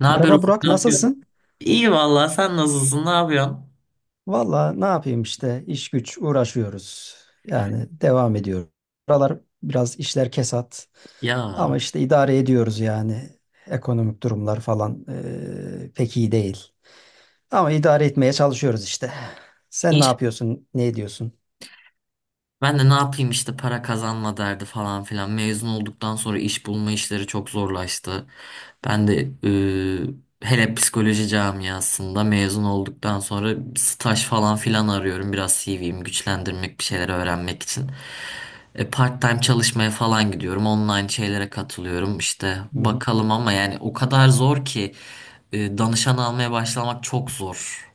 Ne haber Merhaba Ufuk? Burak, Ne yapıyorsun? nasılsın? İyi vallahi sen nasılsın? Ne yapıyorsun? Valla ne yapayım işte iş güç uğraşıyoruz. Yani devam ediyoruz. Buralar biraz işler kesat. Ya Ama işte idare ediyoruz yani. Ekonomik durumlar falan pek iyi değil. Ama idare etmeye çalışıyoruz işte. Sen ne inş. yapıyorsun, ne ediyorsun? Ben de ne yapayım işte para kazanma derdi falan filan. Mezun olduktan sonra iş bulma işleri çok zorlaştı. Ben de hele psikoloji camiasında mezun olduktan sonra staj falan filan arıyorum. Biraz CV'mi güçlendirmek, bir şeyler öğrenmek için. Part-time çalışmaya falan gidiyorum. Online şeylere katılıyorum. İşte Hı hı. bakalım ama yani o kadar zor ki danışan almaya başlamak çok zor.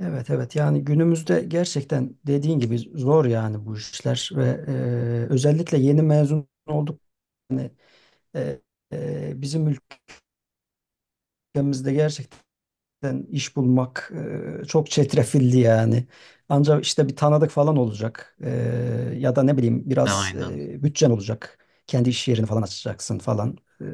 Evet evet, yani günümüzde gerçekten dediğin gibi zor yani bu işler ve özellikle yeni mezun olduk. Eee, bizim ülkemizde gerçekten iş bulmak çok çetrefilli yani. Ancak işte bir tanıdık falan olacak. Ya da ne bileyim E, biraz Aynen. Bütçen olacak. Kendi iş yerini falan açacaksın falan.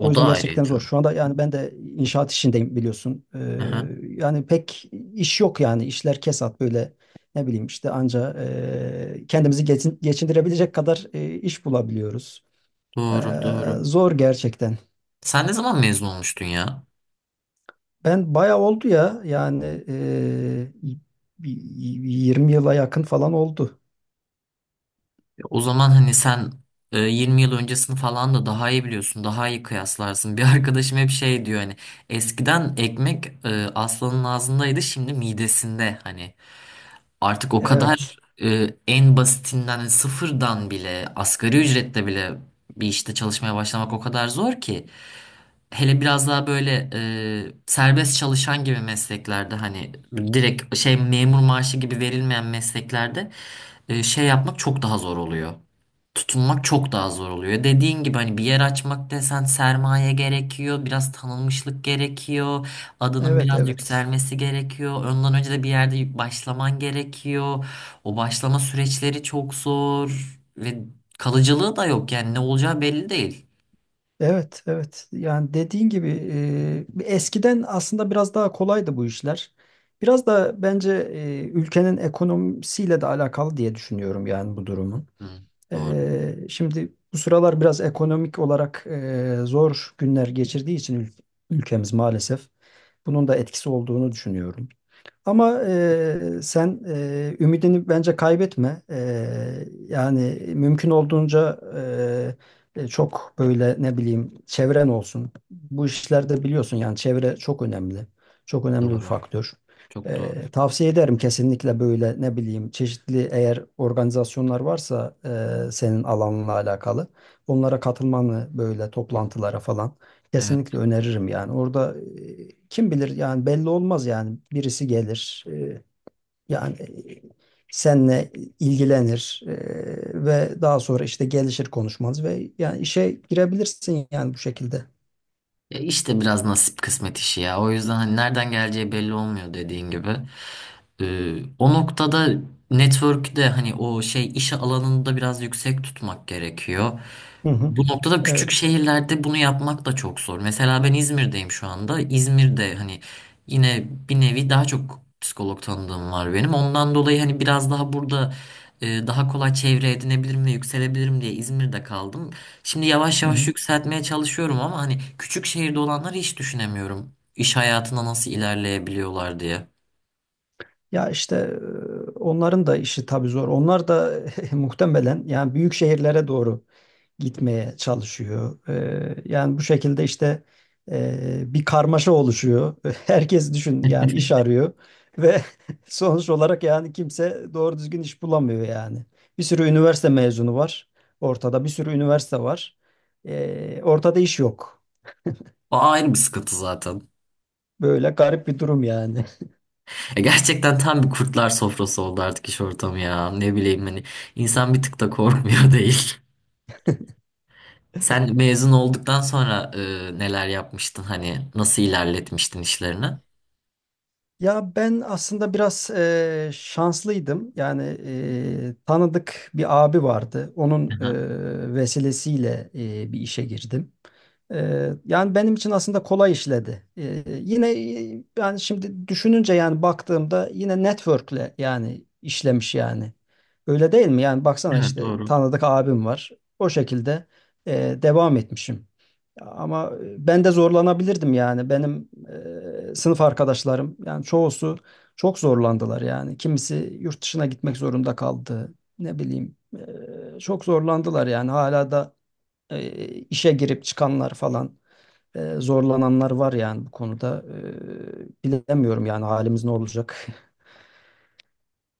O da yüzden gerçekten ayrıydı. zor. Şu anda yani ben de inşaat işindeyim biliyorsun. Aha, Yani pek iş yok yani. İşler kesat böyle, ne bileyim işte, anca kendimizi geçindirebilecek kadar iş bulabiliyoruz. E, doğru, doğru. Zor gerçekten. Sen ne zaman mezun olmuştun ya? Ben bayağı oldu ya yani bir 20 yıla yakın falan oldu. O zaman hani sen 20 yıl öncesini falan da daha iyi biliyorsun, daha iyi kıyaslarsın. Bir arkadaşım hep şey diyor hani eskiden ekmek aslanın ağzındaydı, şimdi midesinde hani. Artık o Evet, kadar en basitinden hani sıfırdan bile asgari ücretle bile bir işte çalışmaya başlamak o kadar zor ki. Hele biraz daha böyle serbest çalışan gibi mesleklerde hani direkt şey memur maaşı gibi verilmeyen mesleklerde şey yapmak çok daha zor oluyor. Tutunmak çok daha zor oluyor. Dediğin gibi hani bir yer açmak desen sermaye gerekiyor, biraz tanınmışlık gerekiyor. Adının evet, biraz evet. yükselmesi gerekiyor. Ondan önce de bir yerde başlaman gerekiyor. O başlama süreçleri çok zor ve kalıcılığı da yok yani ne olacağı belli değil. Evet, evet. Yani dediğin gibi, eskiden aslında biraz daha kolaydı bu işler. Biraz da bence ülkenin ekonomisiyle de alakalı diye düşünüyorum yani bu durumun. Hı, doğru, Şimdi bu sıralar biraz ekonomik olarak zor günler geçirdiği için ülkemiz, maalesef bunun da etkisi olduğunu düşünüyorum. Ama sen ümidini bence kaybetme. Yani mümkün olduğunca çok böyle, ne bileyim, çevren olsun. Bu işlerde biliyorsun yani çevre çok önemli. Çok önemli bir doğru. faktör. Çok doğru. Tavsiye ederim kesinlikle, böyle ne bileyim, çeşitli eğer organizasyonlar varsa senin alanla alakalı, onlara katılmanı, böyle toplantılara falan. Evet. Kesinlikle öneririm yani. Orada kim bilir yani, belli olmaz yani. Birisi gelir, yani e, seninle ilgilenir ve daha sonra işte gelişir konuşmanız ve yani işe girebilirsin yani bu şekilde. Ya işte biraz nasip kısmet işi ya. O yüzden hani nereden geleceği belli olmuyor dediğin gibi. O noktada network'ü de hani o şey iş alanında biraz yüksek tutmak gerekiyor. Hı hı. Bu noktada küçük Evet. şehirlerde bunu yapmak da çok zor. Mesela ben İzmir'deyim şu anda. İzmir'de hani yine bir nevi daha çok psikolog tanıdığım var benim. Ondan dolayı hani biraz daha burada daha kolay çevre edinebilirim ve yükselebilirim diye İzmir'de kaldım. Şimdi yavaş Hı yavaş hı. yükseltmeye çalışıyorum ama hani küçük şehirde olanları hiç düşünemiyorum. İş hayatına nasıl ilerleyebiliyorlar diye. Ya işte onların da işi tabii zor. Onlar da muhtemelen yani büyük şehirlere doğru gitmeye çalışıyor. Yani bu şekilde işte bir karmaşa oluşuyor. Herkes düşün yani iş arıyor ve sonuç olarak yani kimse doğru düzgün iş bulamıyor yani. Bir sürü üniversite mezunu var ortada, bir sürü üniversite var. Ortada iş yok. O ayrı bir sıkıntı zaten. Böyle garip bir durum yani. Ya gerçekten tam bir kurtlar sofrası oldu artık iş ortamı ya. Ne bileyim hani insan bir tık da korkmuyor değil. Sen mezun olduktan sonra neler yapmıştın hani nasıl ilerletmiştin işlerini? Ya ben aslında biraz şanslıydım. Yani tanıdık bir abi vardı. Onun Aha, vesilesiyle bir işe girdim. Yani benim için aslında kolay işledi. Yine yani şimdi düşününce, yani baktığımda, yine network'le yani işlemiş yani. Öyle değil mi? Yani baksana, evet işte doğru. tanıdık abim var. O şekilde devam etmişim. Ama ben de zorlanabilirdim yani. Benim sınıf arkadaşlarım, yani çoğusu çok zorlandılar yani. Kimisi yurt dışına gitmek zorunda kaldı. Ne bileyim, çok zorlandılar yani. Hala da işe girip çıkanlar falan, zorlananlar var yani bu konuda. Bilemiyorum yani halimiz ne olacak.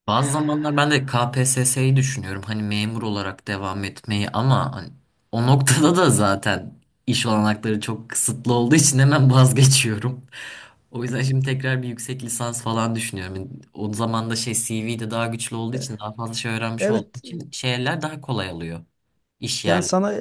Bazı zamanlar ben de KPSS'yi düşünüyorum hani memur olarak devam etmeyi ama hani o noktada da zaten iş olanakları çok kısıtlı olduğu için hemen vazgeçiyorum. O yüzden şimdi tekrar bir yüksek lisans falan düşünüyorum. Yani o zaman da şey C V de daha güçlü olduğu için daha fazla şey öğrenmiş olduğu Evet. için şeyler daha kolay alıyor. İş Yani yerleri. sana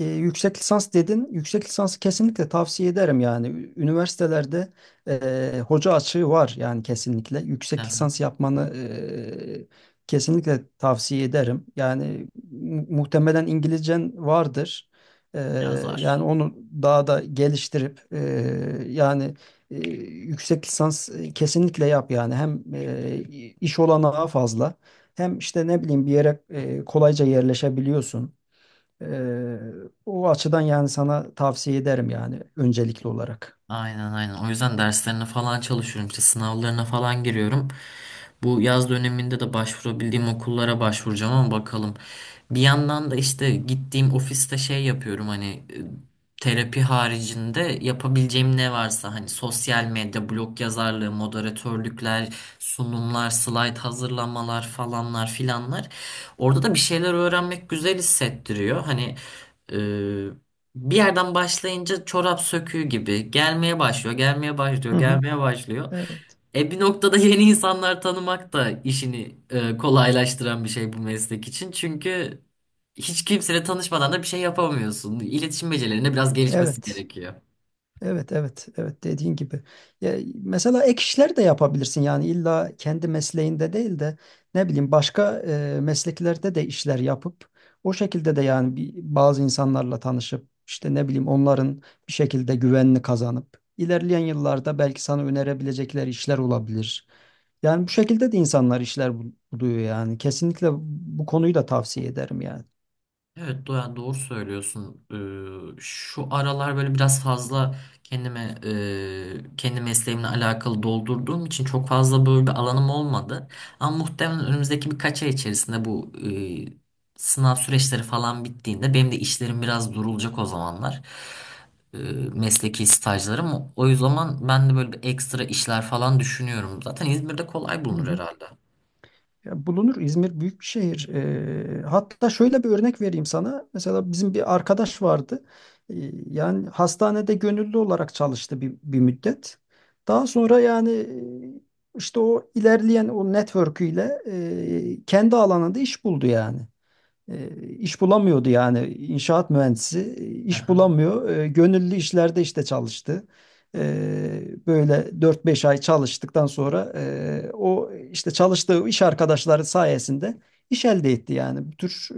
yüksek lisans dedin. Yüksek lisansı kesinlikle tavsiye ederim yani. Üniversitelerde hoca açığı var yani kesinlikle. Hı Yüksek hı. lisans yapmanı kesinlikle tavsiye ederim. Yani muhtemelen İngilizcen vardır. E, Biraz Yani zor. onu daha da geliştirip, yani e, yüksek lisans kesinlikle yap yani. Hem iş olanağı fazla. Hem işte, ne bileyim, bir yere kolayca yerleşebiliyorsun. Ee, O açıdan yani sana tavsiye ederim yani öncelikli olarak. Aynen aynen. O yüzden derslerine falan çalışıyorum. İşte sınavlarına falan giriyorum. Bu yaz döneminde de başvurabildiğim okullara başvuracağım ama bakalım. Bir yandan da işte gittiğim ofiste şey yapıyorum hani terapi haricinde yapabileceğim ne varsa hani sosyal medya, blog yazarlığı, moderatörlükler, sunumlar, slayt hazırlamalar falanlar filanlar. Orada da bir şeyler öğrenmek güzel hissettiriyor. Hani bir yerden başlayınca çorap söküğü gibi gelmeye başlıyor, gelmeye Hı başlıyor, hı. gelmeye başlıyor. Evet. E bir noktada yeni insanlar tanımak da işini kolaylaştıran bir şey bu meslek için. Çünkü hiç kimseyle tanışmadan da bir şey yapamıyorsun. İletişim becerilerine biraz gelişmesi Evet. gerekiyor. Evet evet evet, dediğin gibi. Ya, mesela ek işler de yapabilirsin yani illa kendi mesleğinde değil de, ne bileyim, başka mesleklerde de işler yapıp o şekilde de yani bazı insanlarla tanışıp, işte ne bileyim, onların bir şekilde güvenini kazanıp, ilerleyen yıllarda belki sana önerebilecekleri işler olabilir. Yani bu şekilde de insanlar işler buluyor yani. Kesinlikle bu konuyu da tavsiye ederim yani. Evet Doğan doğru söylüyorsun. Şu aralar böyle biraz fazla kendime kendi mesleğimle alakalı doldurduğum için çok fazla böyle bir alanım olmadı. Ama muhtemelen önümüzdeki birkaç ay içerisinde bu sınav süreçleri falan bittiğinde benim de işlerim biraz durulacak o zamanlar. E, Mesleki stajlarım. O zaman ben de böyle bir ekstra işler falan düşünüyorum. Zaten İzmir'de kolay Hı bulunur hı. herhalde. Ya bulunur. İzmir büyük bir şehir. Hatta şöyle bir örnek vereyim sana. Mesela bizim bir arkadaş vardı. Ee, Yani hastanede gönüllü olarak çalıştı bir müddet. Daha sonra yani işte o ilerleyen o network'üyle kendi alanında iş buldu yani. E, iş bulamıyordu yani, inşaat mühendisi iş bulamıyor. Gönüllü işlerde işte çalıştı. Böyle 4 5 ay çalıştıktan sonra o işte çalıştığı iş arkadaşları sayesinde iş elde etti yani. Bu tür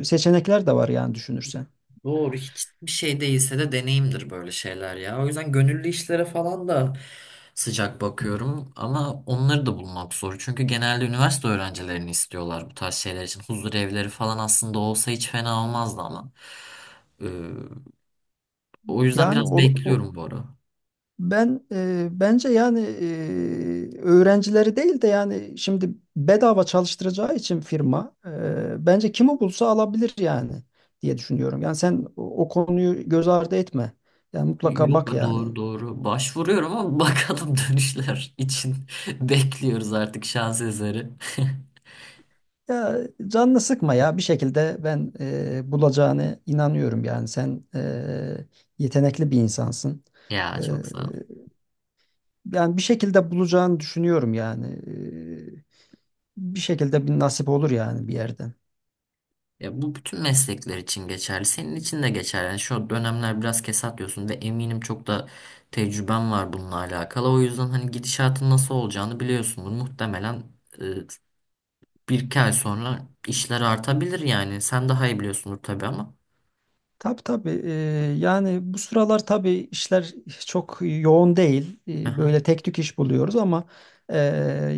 seçenekler de var yani, düşünürsen. Doğru hiçbir şey değilse de deneyimdir böyle şeyler ya. O yüzden gönüllü işlere falan da sıcak bakıyorum ama onları da bulmak zor. Çünkü genelde üniversite öğrencilerini istiyorlar bu tarz şeyler için. Huzur evleri falan aslında olsa hiç fena olmazdı ama. Ee, O yüzden Yani biraz o, o- bekliyorum bu ara. Ben, bence yani öğrencileri değil de, yani şimdi bedava çalıştıracağı için firma, bence kimi bulsa alabilir yani diye düşünüyorum. Yani sen o konuyu göz ardı etme. Yani mutlaka Yok bak be, doğru yani. doğru başvuruyorum ama bakalım dönüşler için bekliyoruz artık şans eseri. Ya canını sıkma ya, bir şekilde ben bulacağını inanıyorum yani, sen yetenekli bir insansın. Ya E, çok sağ ol. Yani bir şekilde bulacağını düşünüyorum yani. Bir şekilde bir nasip olur yani bir yerden. Ya bu bütün meslekler için geçerli. Senin için de geçerli. Yani şu dönemler biraz kesat diyorsun ve eminim çok da tecrüben var bununla alakalı. O yüzden hani gidişatın nasıl olacağını biliyorsundur. Muhtemelen e, bir iki ay sonra işler artabilir yani. Sen daha iyi biliyorsundur tabii ama. Tabii tabii. Yani bu sıralar tabii işler çok yoğun değil. Aha, Böyle tek tük iş buluyoruz ama e,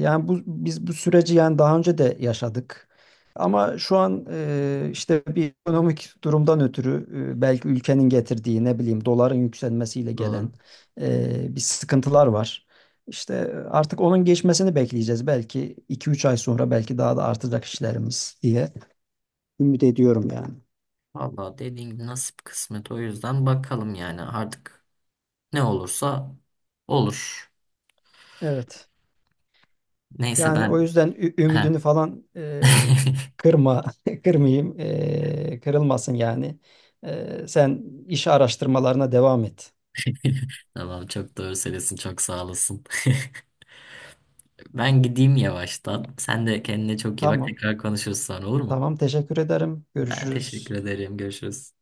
yani bu bu süreci yani daha önce de yaşadık. Ama şu an, işte bir ekonomik durumdan ötürü, belki ülkenin getirdiği, ne bileyim, doların yükselmesiyle doğru. gelen bir sıkıntılar var. İşte artık onun geçmesini bekleyeceğiz. Belki 2 3 ay sonra belki daha da artacak işlerimiz diye ümit ediyorum yani. Vallahi dediğin gibi nasip kısmet. O yüzden bakalım yani artık ne olursa olur. Evet. Neyse Yani o ben... yüzden Heh. ümidini falan kırma, kırmayayım, kırılmasın yani. Sen iş araştırmalarına devam et. Tamam çok doğru söylüyorsun. Çok sağ olasın. Ben gideyim yavaştan. Sen de kendine çok iyi bak. Tamam, Tekrar konuşuruz sonra olur mu? tamam, teşekkür ederim. Ben teşekkür Görüşürüz. ederim. Görüşürüz.